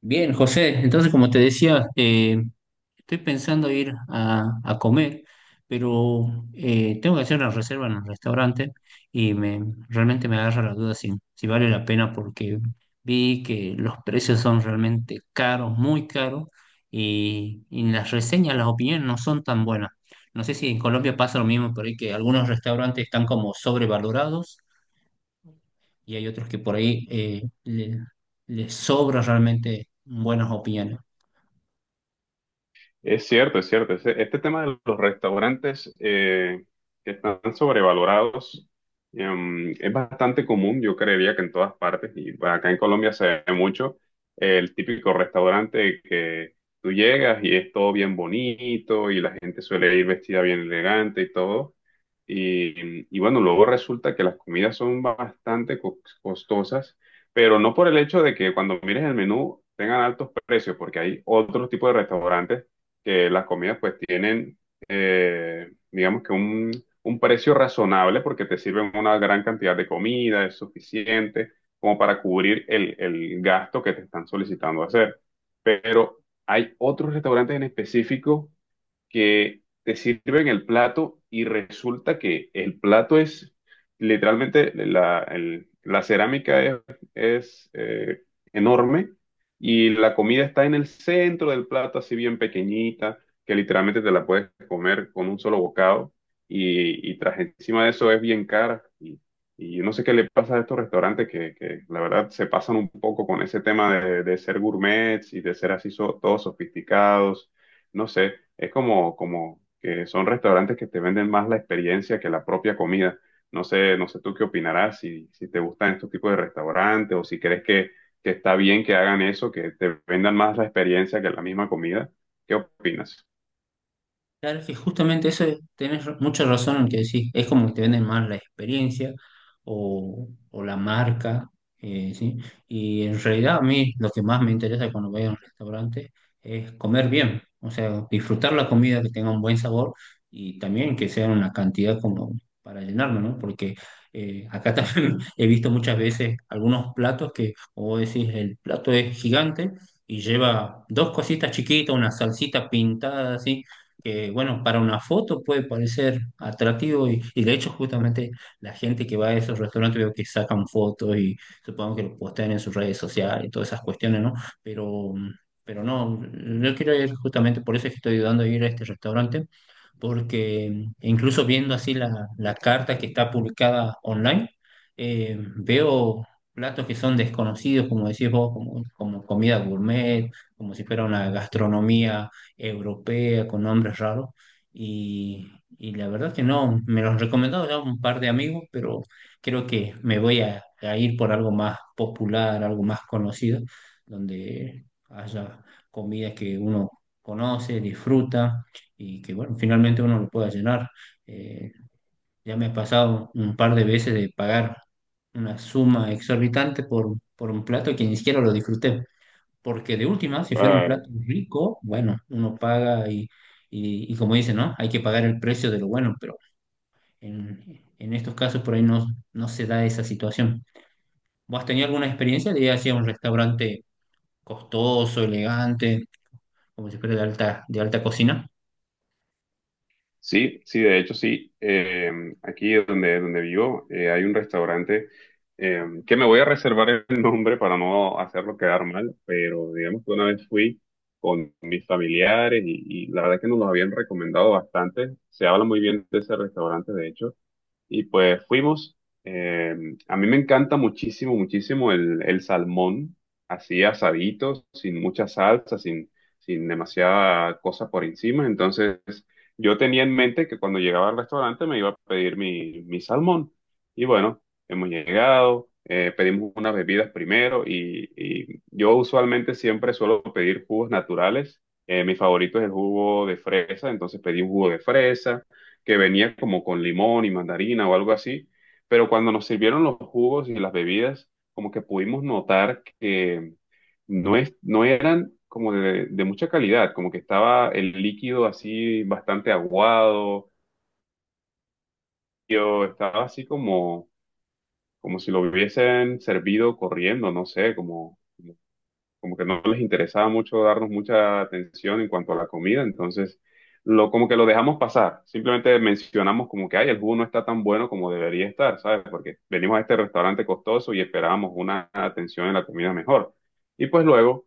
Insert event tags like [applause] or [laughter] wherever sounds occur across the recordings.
Bien, José, entonces como te decía, estoy pensando ir a comer, pero tengo que hacer una reserva en el restaurante y me, realmente me agarra la duda si vale la pena porque vi que los precios son realmente caros, muy caros, y las reseñas, las opiniones no son tan buenas. No sé si en Colombia pasa lo mismo, por ahí que algunos restaurantes están como sobrevalorados y hay otros que por ahí les sobra realmente buenas opiniones. Es cierto, es cierto. Tema de los restaurantes que están sobrevalorados, es bastante común, yo creería que en todas partes, y bueno, acá en Colombia se ve mucho, el típico restaurante que tú llegas y es todo bien bonito y la gente suele ir vestida bien elegante y todo, y bueno, luego resulta que las comidas son bastante costosas, pero no por el hecho de que cuando mires el menú tengan altos precios, porque hay otros tipos de restaurantes que las comidas pues tienen, digamos que un precio razonable porque te sirven una gran cantidad de comida, es suficiente como para cubrir el gasto que te están solicitando hacer. Pero hay otros restaurantes en específico que te sirven el plato y resulta que el plato es literalmente la cerámica es enorme y la comida está en el centro del plato, así bien pequeñita, que literalmente te la puedes comer con un solo bocado y tras encima de eso es bien cara. Y yo no sé qué le pasa a estos restaurantes que la verdad se pasan un poco con ese tema de ser gourmets y de ser así todos sofisticados. No sé, es como, como que son restaurantes que te venden más la experiencia que la propia comida. No sé, no sé tú qué opinarás, si te gustan estos tipos de restaurantes o si crees que está bien que hagan eso, que te vendan más la experiencia que la misma comida. ¿Qué opinas? Claro, es que justamente tenés mucha razón en que decís. Es como que te venden más la experiencia o la marca, ¿sí? Y en realidad a mí lo que más me interesa cuando voy a un restaurante es comer bien, o sea, disfrutar la comida que tenga un buen sabor y también que sea una cantidad como para llenarme, ¿no? Porque acá [laughs] también he visto muchas veces algunos platos que, como vos decís, el plato es gigante y lleva dos cositas chiquitas, una salsita pintada así que, bueno, para una foto puede parecer atractivo y de hecho justamente la gente que va a esos restaurantes veo que sacan fotos y supongo que lo postean en sus redes sociales y todas esas cuestiones, ¿no? Pero, pero no, yo quiero ir justamente, por eso es que estoy ayudando a ir a este restaurante porque incluso viendo así la carta que está publicada online, veo platos que son desconocidos, como decís vos, como comida gourmet, como si fuera una gastronomía europea con nombres raros. Y, y la verdad que no, me los han recomendado ya un par de amigos, pero creo que me voy a ir por algo más popular, algo más conocido, donde haya comidas que uno conoce, disfruta y que bueno, finalmente uno lo pueda llenar. Eh, ya me ha pasado un par de veces de pagar una suma exorbitante por un plato que ni siquiera lo disfruté, porque de última, si fuera un plato rico, bueno, uno paga y, y como dice, ¿no? Hay que pagar el precio de lo bueno, pero en estos casos por ahí no, no se da esa situación. ¿Vos has tenido alguna experiencia de ir hacia un restaurante costoso, elegante, como si fuera de de alta cocina? Sí, sí, de hecho sí. Aquí donde vivo hay un restaurante que me voy a reservar el [laughs] nombre para no hacerlo quedar mal, pero digamos que una vez fui con mis familiares y la verdad es que nos lo habían recomendado bastante. Se habla muy bien de ese restaurante, de hecho. Y pues fuimos. Eh, a mí me encanta muchísimo, muchísimo el salmón, así asadito, sin mucha salsa, sin demasiada cosa por encima. Entonces, yo tenía en mente que cuando llegaba al restaurante me iba a pedir mi salmón. Y bueno, hemos llegado, pedimos unas bebidas primero y yo usualmente siempre suelo pedir jugos naturales. Mi favorito es el jugo de fresa, entonces pedí un jugo de fresa que venía como con limón y mandarina o algo así, pero cuando nos sirvieron los jugos y las bebidas, como que pudimos notar que no eran como de mucha calidad, como que estaba el líquido así bastante aguado, yo estaba así como, como si lo hubiesen servido corriendo, no sé, como que no les interesaba mucho darnos mucha atención en cuanto a la comida, entonces como que lo dejamos pasar, simplemente mencionamos como que, ay, el jugo no está tan bueno como debería estar, ¿sabes? Porque venimos a este restaurante costoso y esperábamos una atención en la comida mejor. Y pues luego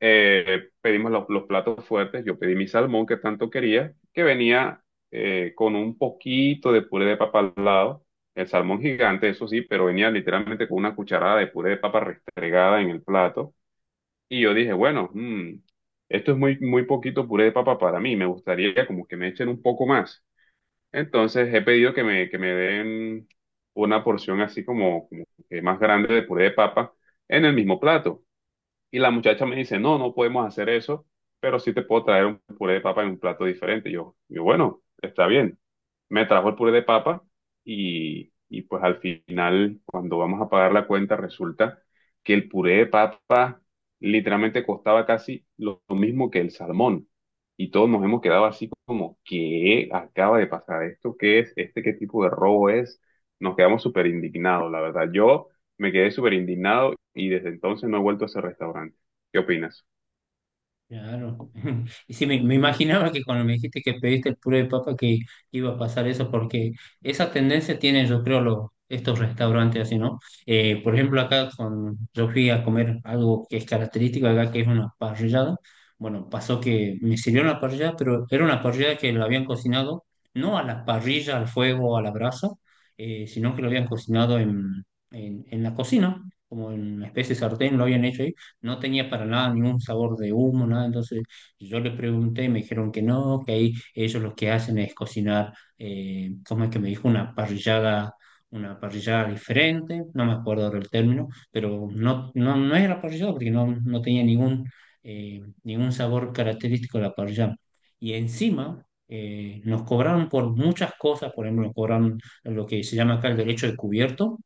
pedimos los platos fuertes, yo pedí mi salmón que tanto quería, que venía con un poquito de puré de papa al lado. El salmón gigante, eso sí, pero venía literalmente con una cucharada de puré de papa restregada en el plato y yo dije, bueno, esto es muy, muy poquito puré de papa para mí, me gustaría como que me echen un poco más. Entonces he pedido que que me den una porción así como, como que más grande de puré de papa en el mismo plato. Y la muchacha me dice, no, no podemos hacer eso, pero sí te puedo traer un puré de papa en un plato diferente. Bueno, está bien. Me trajo el puré de papa y pues al final, cuando vamos a pagar la cuenta, resulta que el puré de papa literalmente costaba casi lo mismo que el salmón. Y todos nos hemos quedado así como, ¿qué acaba de pasar? ¿Esto qué es? ¿Este qué tipo de robo es? Nos quedamos súper indignados, la verdad. Yo... Me quedé súper indignado y desde entonces no he vuelto a ese restaurante. ¿Qué opinas? Claro. [laughs] Y sí, me imaginaba que cuando me dijiste que pediste el puré de papa que iba a pasar eso, porque esa tendencia tienen, yo creo, los, estos restaurantes así, ¿no? Por ejemplo, yo fui a comer algo que es característico acá, que es una parrillada. Bueno, pasó que me sirvieron la parrillada, pero era una parrillada que la habían cocinado, no a la parrilla, al fuego, a la brasa, sino que lo habían cocinado en la cocina, como en una especie de sartén, lo habían hecho ahí no tenía para nada ningún sabor de humo, nada. Entonces yo le pregunté y me dijeron que no, que ahí ellos lo que hacen es cocinar, ¿cómo es que me dijo? Una parrillada diferente, no me acuerdo ahora el término, pero no, no, no era parrillada porque no, no tenía ningún, ningún sabor característico de la parrillada. Y encima... nos cobraron por muchas cosas, por ejemplo, nos cobraron lo que se llama acá el derecho de cubierto,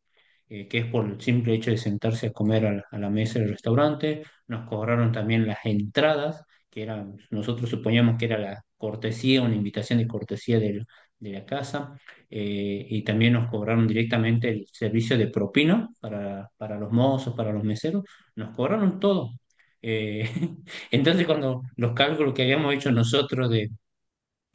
que es por el simple hecho de sentarse a comer a a la mesa del restaurante. Nos cobraron también las entradas, que eran, nosotros suponíamos que era la cortesía, una invitación de cortesía de la casa, y también nos cobraron directamente el servicio de propina para los mozos, para los meseros, nos cobraron todo. Eh, [laughs] entonces, cuando los cálculos que habíamos hecho nosotros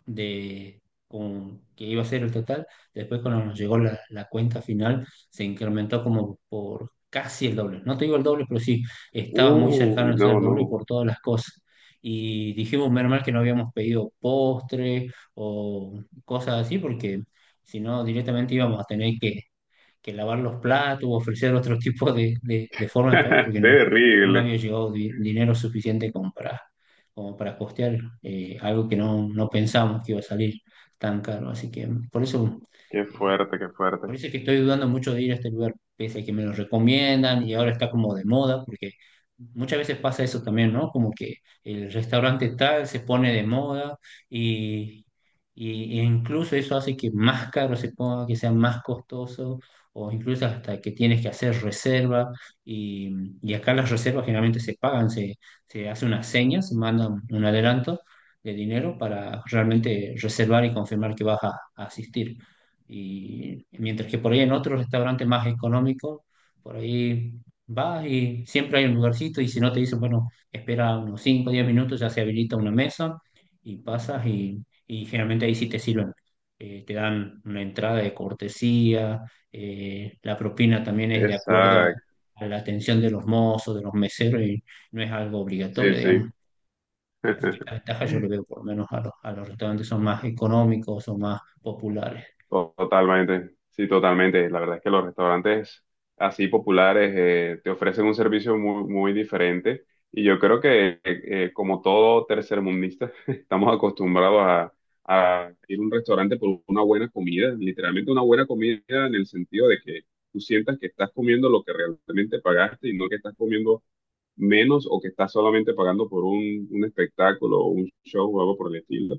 de que iba a ser el total. Después cuando nos llegó la cuenta final, se incrementó como por casi el doble. No te digo el doble, pero sí, estaba muy cercano Uy, de ser el no, doble no. por todas las cosas. Y dijimos, menos mal que no habíamos pedido postre o cosas así, porque si no, directamente íbamos a tener que lavar los platos, ofrecer otro tipo de forma de pago, porque [laughs] no, ninguno Terrible. había llevado dinero suficiente como para, como para costear algo que no, no pensamos que iba a salir tan caro. Así que Qué eh, fuerte, qué fuerte. por eso es que estoy dudando mucho de ir a este lugar, pese a que me lo recomiendan y ahora está como de moda, porque muchas veces pasa eso también, ¿no? Como que el restaurante tal se pone de moda y, e incluso eso hace que más caro se ponga, que sea más costoso, o incluso hasta que tienes que hacer reserva. Y, y acá las reservas generalmente se pagan, se hace una seña, se manda un adelanto de dinero para realmente reservar y confirmar que vas a asistir. Y mientras que por ahí en otro restaurante más económico por ahí vas y siempre hay un lugarcito y si no te dicen, bueno, espera unos 5 o 10 minutos, ya se habilita una mesa y pasas y generalmente ahí sí te sirven. Te dan una entrada de cortesía, la propina también es de acuerdo Exacto. A la atención de los mozos, de los meseros y no es algo Sí, obligatorio, digamos. sí. Así que la [laughs] ventaja yo le veo por lo menos a a los restaurantes son más económicos, son más populares. Totalmente, sí, totalmente. La verdad es que los restaurantes así populares te ofrecen un servicio muy, muy diferente y yo creo que como todo tercermundista [laughs] estamos acostumbrados a ir a un restaurante por una buena comida, literalmente una buena comida en el sentido de que tú sientas que estás comiendo lo que realmente pagaste y no que estás comiendo menos o que estás solamente pagando por un espectáculo o un show o algo por el estilo.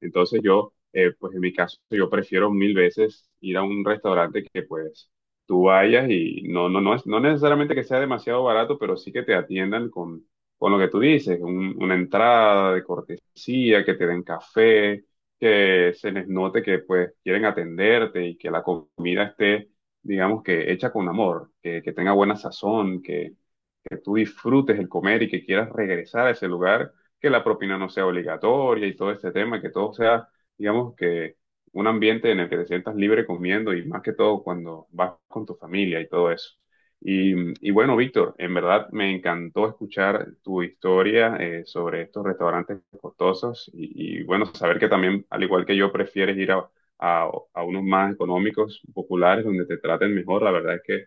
Entonces yo, pues en mi caso, yo prefiero mil veces ir a un restaurante que pues tú vayas y no, no, no, es, no necesariamente que sea demasiado barato, pero sí que te atiendan con lo que tú dices, una entrada de cortesía, que te den café, que se les note que pues quieren atenderte y que la comida esté, digamos que hecha con amor, que tenga buena sazón, que tú disfrutes el comer y que quieras regresar a ese lugar, que la propina no sea obligatoria y todo este tema, que todo sea, digamos, que un ambiente en el que te sientas libre comiendo y más que todo cuando vas con tu familia y todo eso. Y, y bueno, Víctor, en verdad me encantó escuchar tu historia sobre estos restaurantes costosos bueno, saber que también, al igual que yo, prefieres ir a unos más económicos, populares, donde te traten mejor. La verdad es que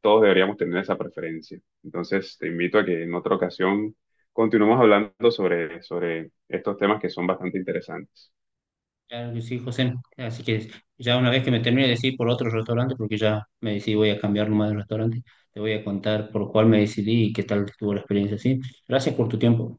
todos deberíamos tener esa preferencia. Entonces, te invito a que en otra ocasión continuemos hablando sobre estos temas que son bastante interesantes. Claro que sí, José. Así que ya una vez que me termine de decir por otro restaurante, porque ya me decidí voy a cambiar nomás de restaurante, te voy a contar por cuál me decidí y qué tal estuvo la experiencia, ¿sí? Gracias por tu tiempo.